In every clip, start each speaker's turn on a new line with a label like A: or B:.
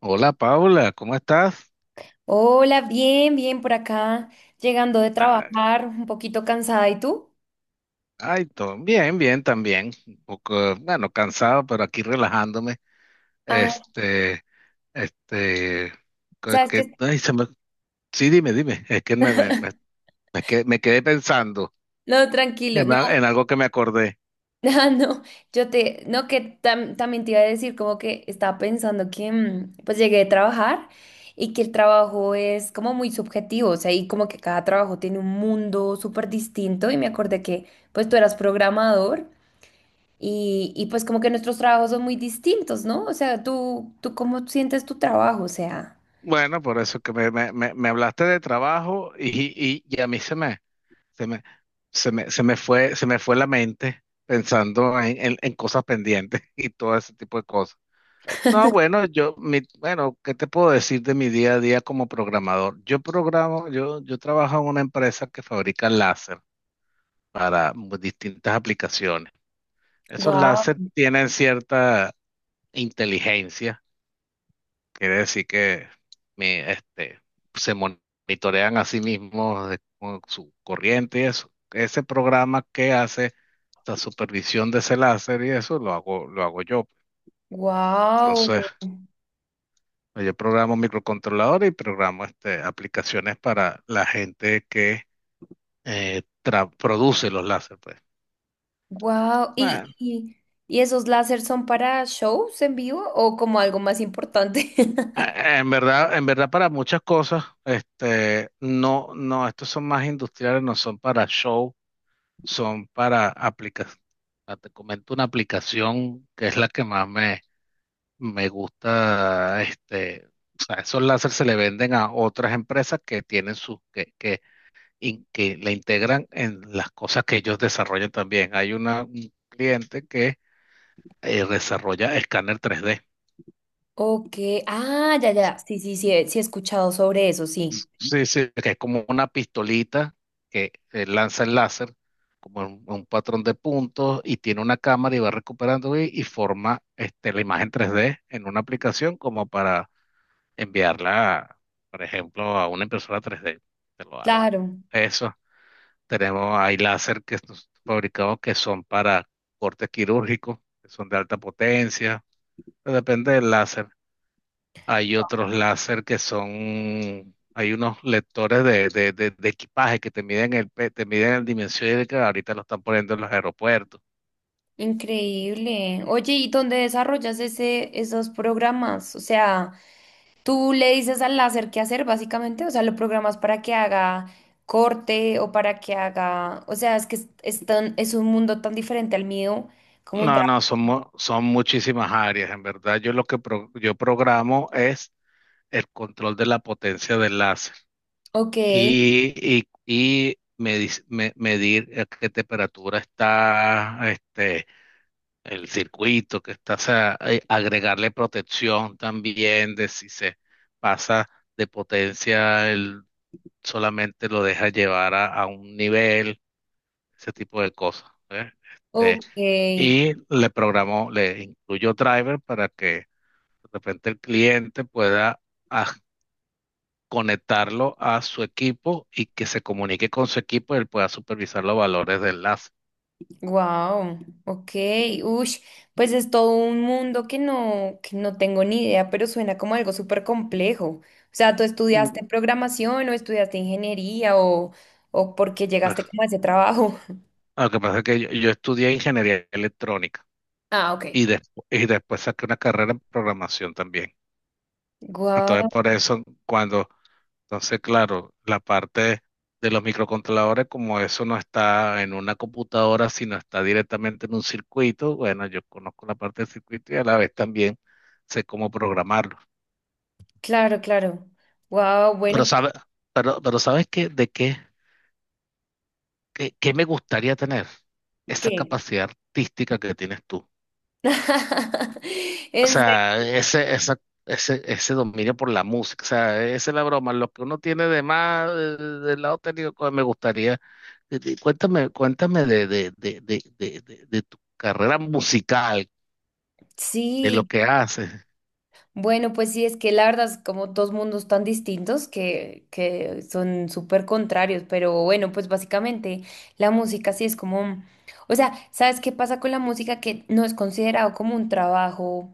A: Hola Paula, ¿cómo estás?
B: Hola, bien, bien por acá, llegando de
A: Ah,
B: trabajar, un poquito cansada. ¿Y tú?
A: Todo bien, bien también. Un poco, bueno, cansado, pero aquí relajándome.
B: Ah,
A: Este, este, que,
B: ¿sabes
A: que-
B: qué?
A: ay, se me- sí, dime, dime. Es que me quedé pensando
B: No, tranquilo,
A: en,
B: no.
A: en algo que me acordé.
B: Ah, no, no, que también te iba a decir como que estaba pensando que pues llegué de trabajar y que el trabajo es como muy subjetivo, o sea, y como que cada trabajo tiene un mundo súper distinto y me acordé que pues tú eras programador y pues como que nuestros trabajos son muy distintos, ¿no? O sea, tú cómo sientes tu trabajo, o sea...
A: Bueno, por eso que me hablaste de trabajo y a mí se me, se me fue la mente pensando en, en cosas pendientes y todo ese tipo de cosas. No, bueno, bueno, ¿qué te puedo decir de mi día a día como programador? Yo programo, yo trabajo en una empresa que fabrica láser para distintas aplicaciones. Esos
B: Wow,
A: láser tienen cierta inteligencia, quiere decir que mi, este, se monitorean a sí mismos con su corriente y eso. Ese programa que hace la supervisión de ese láser y eso lo hago yo.
B: wow,
A: Entonces, pues yo programo microcontroladores y programo aplicaciones para la gente que produce los láser, pues.
B: wow. ¿Y,
A: Bueno,
B: y, y esos láseres son para shows en vivo o como algo más importante?
A: en verdad para muchas cosas, no, no, estos son más industriales, no son para show, son para aplicaciones. Te comento una aplicación que es la que más me gusta, o sea, esos láser se le venden a otras empresas que tienen sus, que y que la integran en las cosas que ellos desarrollan también. Hay un cliente que desarrolla escáner 3D,
B: Ok, ah, ya, ya, sí, sí, sí, sí he escuchado sobre eso, sí.
A: sí, sí, que es como una pistolita que lanza el láser como un patrón de puntos y tiene una cámara y va recuperando y forma la imagen 3D en una aplicación como para enviarla, por ejemplo, a una impresora 3D que lo haga.
B: Claro,
A: Eso, tenemos, hay láser que nos fabricados que son para cortes quirúrgicos, que son de alta potencia, pero depende del láser. Hay otros láser que son, hay unos lectores de equipaje que te miden te miden el dimensión y que ahorita lo están poniendo en los aeropuertos.
B: increíble. Oye, ¿y dónde desarrollas esos programas? O sea, tú le dices al láser qué hacer, básicamente, o sea, lo programas para que haga corte o para que haga, o sea, es que es un mundo tan diferente al mío como un
A: No,
B: trabajo.
A: no, son, son muchísimas áreas. En verdad, yo lo que yo programo es el control de la potencia del láser
B: Ok,
A: y medir a qué temperatura está el circuito, que está, o sea, agregarle protección también de si se pasa de potencia, él solamente lo deja llevar a un nivel, ese tipo de cosas. ¿Ves? Este,
B: ok,
A: y le programó, le incluyó driver para que de repente el cliente pueda aj- conectarlo a su equipo y que se comunique con su equipo y él pueda supervisar los valores del enlace.
B: wow, ok, ush, pues es todo un mundo que no tengo ni idea, pero suena como algo súper complejo. O sea, ¿tú
A: Mm,
B: estudiaste programación o estudiaste ingeniería o por qué llegaste
A: Ah,
B: como a ese trabajo?
A: Lo que pasa es que yo estudié ingeniería electrónica
B: Ah, ok.
A: y, y después saqué una carrera en programación también.
B: Wow,
A: Entonces, por eso, cuando, entonces, claro, la parte de los microcontroladores, como eso no está en una computadora, sino está directamente en un circuito, bueno, yo conozco la parte del circuito y a la vez también sé cómo programarlo.
B: claro, claro. Wow,
A: Pero,
B: bueno, ¿por
A: sabe, pero ¿sabes qué? ¿De qué? ¿Qué me gustaría tener? Esa
B: qué?
A: capacidad artística que tienes tú. O
B: En serio.
A: sea, ese dominio por la música. O sea, esa es la broma. Lo que uno tiene de más, del lado técnico, pues, me gustaría. Cuéntame, cuéntame de tu carrera musical, de lo
B: Sí.
A: que haces.
B: Bueno, pues sí, es que la verdad es como dos mundos tan distintos que son súper contrarios, pero bueno, pues básicamente la música sí es como, o sea, ¿sabes qué pasa con la música que no es considerado como un trabajo,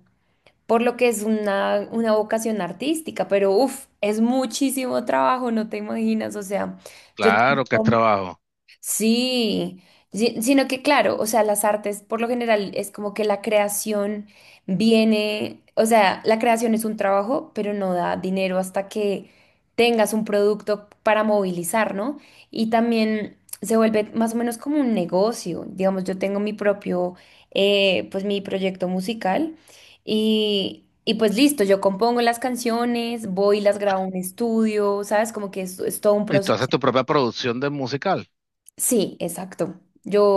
B: por lo que es una vocación artística, pero uff, es muchísimo trabajo, no te imaginas, o sea, yo
A: Claro que es
B: tengo.
A: trabajo.
B: Sí, sino que claro, o sea, las artes por lo general es como que la creación viene, o sea, la creación es un trabajo, pero no da dinero hasta que tengas un producto para movilizar, ¿no? Y también se vuelve más o menos como un negocio. Digamos, yo tengo mi propio, pues mi proyecto musical y pues listo, yo compongo las canciones, voy y las grabo en un estudio, ¿sabes? Como que es todo un
A: ¿Y tú haces
B: proceso.
A: tu propia producción de musical?
B: Sí, exacto.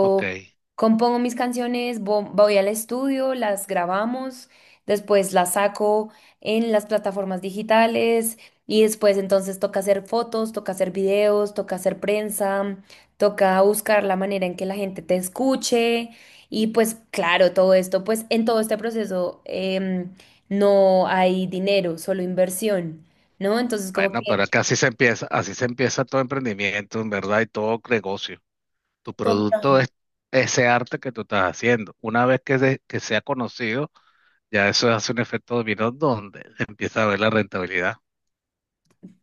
A: Ok.
B: compongo mis canciones, voy al estudio, las grabamos, después las saco en las plataformas digitales y después entonces toca hacer fotos, toca hacer videos, toca hacer prensa, toca buscar la manera en que la gente te escuche y pues claro, todo esto, pues en todo este proceso no hay dinero, solo inversión, ¿no? Entonces como
A: Bueno, pero es
B: que...
A: que así se empieza todo emprendimiento, en verdad, y todo negocio. Tu
B: Total.
A: producto es ese arte que tú estás haciendo. Una vez que, que sea conocido, ya eso hace un efecto dominó donde empieza a ver la rentabilidad.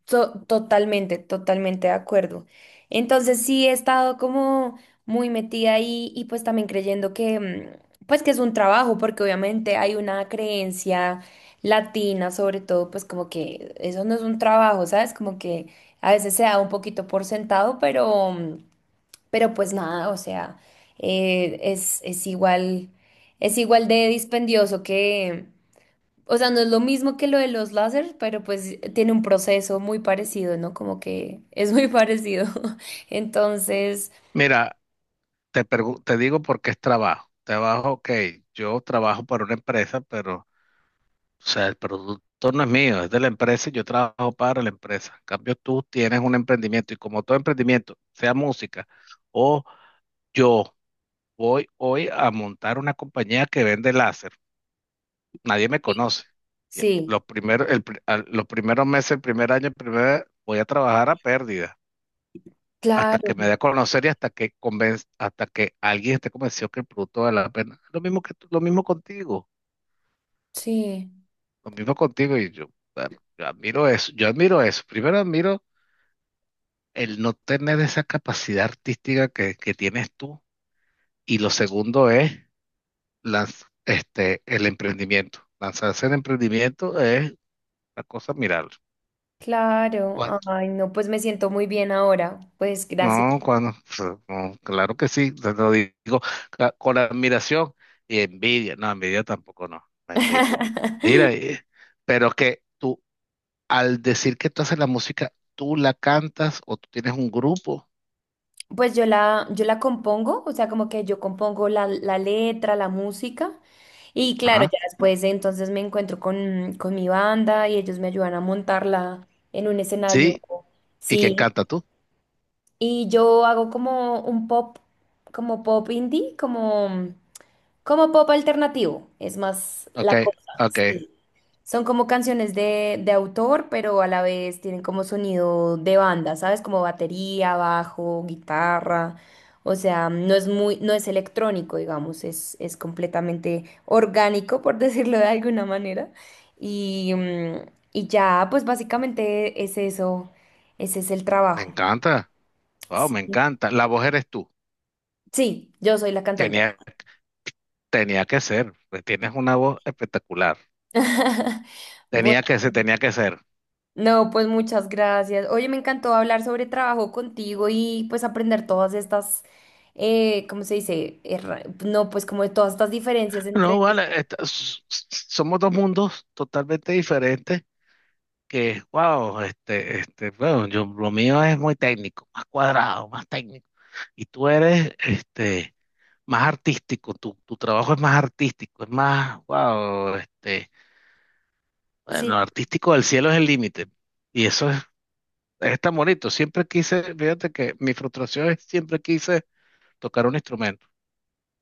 B: To- totalmente, totalmente de acuerdo. Entonces sí he estado como muy metida ahí y pues también creyendo que pues que es un trabajo porque obviamente hay una creencia latina sobre todo pues como que eso no es un trabajo, ¿sabes? Como que a veces se da un poquito por sentado, pero pero pues nada, o sea, eh, es es igual es igual de dispendioso que, o sea, no es lo mismo que lo de los láser, pero pues tiene un proceso muy parecido, ¿no? Como que es muy parecido. Entonces,
A: Mira, te digo por qué es trabajo. Trabajo, ok, yo trabajo para una empresa, pero o sea, el producto no es mío, es de la empresa y yo trabajo para la empresa. En cambio, tú tienes un emprendimiento y como todo emprendimiento, sea música o yo voy hoy a montar una compañía que vende láser. Nadie me conoce. Y
B: sí,
A: lo primero, los primeros meses, el primer año, el primer, voy a trabajar a pérdida hasta
B: claro,
A: que me dé a conocer y hasta que hasta que alguien esté convencido que el producto vale la pena. Lo mismo contigo,
B: sí,
A: lo mismo contigo y yo, bueno, yo admiro eso, yo admiro eso. Primero admiro el no tener esa capacidad artística que tienes tú y lo segundo es el emprendimiento. Lanzarse el emprendimiento es la cosa admirable.
B: claro. Ay, no, pues me siento muy bien ahora. Pues gracias.
A: No, cuando, pues, no, claro que sí, te lo digo con admiración y envidia. No, envidia tampoco, no, mentira. Mira, pero que tú, al decir que tú haces la música, ¿tú la cantas o tú tienes un grupo?
B: Pues yo la compongo, o sea, como que yo compongo la letra, la música. Y claro,
A: Ajá.
B: ya después entonces me encuentro con mi banda y ellos me ayudan a montarla en un escenario.
A: Sí, ¿y quién
B: Sí.
A: canta tú?
B: Y yo hago como un pop, como pop indie, como pop alternativo. Es más
A: Ok,
B: la cosa,
A: ok,
B: sí. Son como canciones de autor, pero a la vez tienen como sonido de banda, ¿sabes? Como batería, bajo, guitarra. O sea, no es electrónico, digamos, es completamente orgánico, por decirlo de alguna manera. Y, y ya, pues básicamente es eso, ese es el
A: me
B: trabajo.
A: encanta. Wow,
B: Sí.
A: me encanta. La voz eres tú.
B: Sí, yo soy la cantante.
A: Tenía, Tenía que ser, pues tienes una voz espectacular.
B: Bueno,
A: Tenía que ser, tenía que ser.
B: no, pues muchas gracias. Oye, me encantó hablar sobre trabajo contigo y pues aprender todas estas, ¿cómo se dice? No, pues como de todas estas diferencias
A: No,
B: entre...
A: vale, somos dos mundos totalmente diferentes que, wow, bueno, yo, lo mío es muy técnico, más cuadrado, más técnico, y tú eres, más artístico, tu trabajo es más artístico, es más, wow,
B: Sí,
A: bueno, artístico del cielo es el límite, y eso es tan bonito, siempre quise, fíjate que mi frustración es siempre quise tocar un instrumento,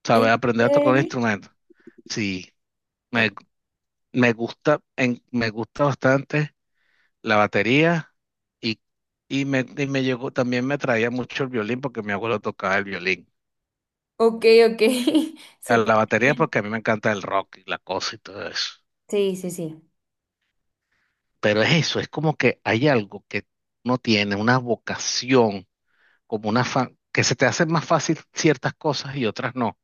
A: saber
B: ¿en
A: aprender a tocar un
B: serio?
A: instrumento, sí,
B: O-
A: me gusta, me gusta bastante la batería y, y me llegó, también me traía mucho el violín porque mi abuelo tocaba el violín.
B: Ok, ok,
A: A
B: súper
A: la batería
B: bien.
A: porque a mí me encanta el rock y la cosa y todo eso.
B: Sí, sí, sí.
A: Pero es eso, es como que hay algo que uno tiene, una vocación, como una que se te hacen más fácil ciertas cosas y otras no.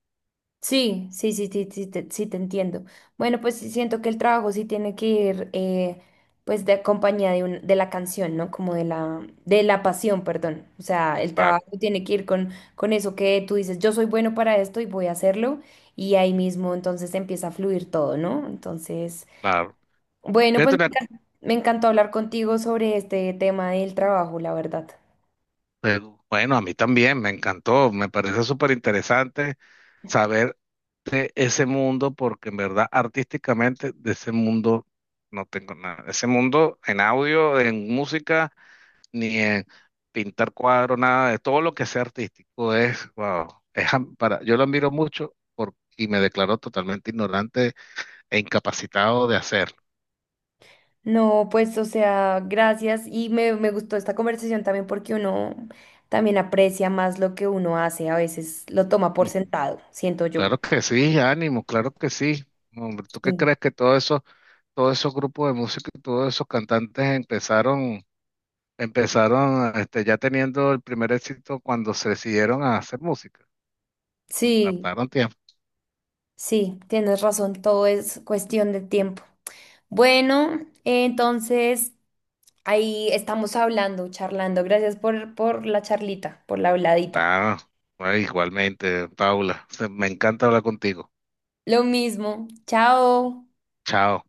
B: Sí, sí, sí, sí, sí, sí te entiendo. Bueno, pues sí siento que el trabajo sí tiene que ir, pues, de compañía de, de la canción, ¿no? Como de la pasión, perdón. O sea, el
A: Claro,
B: trabajo tiene que ir con eso que tú dices, yo soy bueno para esto y voy a hacerlo. Y ahí mismo entonces empieza a fluir todo, ¿no? Entonces,
A: claro.
B: bueno, pues
A: Fíjate una-
B: me encantó hablar contigo sobre este tema del trabajo, la verdad.
A: pero, bueno, a mí también me encantó, me parece súper interesante saber. Ese mundo, porque en verdad artísticamente de ese mundo no tengo nada. Ese mundo en audio, en música, ni en pintar cuadros, nada de todo lo que sea artístico es, wow, es yo lo admiro mucho y me declaro totalmente ignorante e incapacitado de hacerlo.
B: No, pues, o sea, gracias. Y me gustó esta conversación también porque uno también aprecia más lo que uno hace. A veces lo toma por
A: Mm,
B: sentado, siento yo.
A: claro que sí, ánimo, claro que sí. Hombre, ¿tú qué
B: Sí,
A: crees que todo eso, todos esos grupos de música y todos esos cantantes empezaron? Empezaron, ya teniendo el primer éxito cuando se decidieron a hacer música.
B: sí,
A: Tardaron tiempo.
B: sí, tienes razón. Todo es cuestión de tiempo. Bueno, entonces ahí estamos hablando, charlando. Gracias por la charlita, por la habladita.
A: Ah, bueno, igualmente, Paula, me encanta hablar contigo.
B: Lo mismo. Chao.
A: Chao.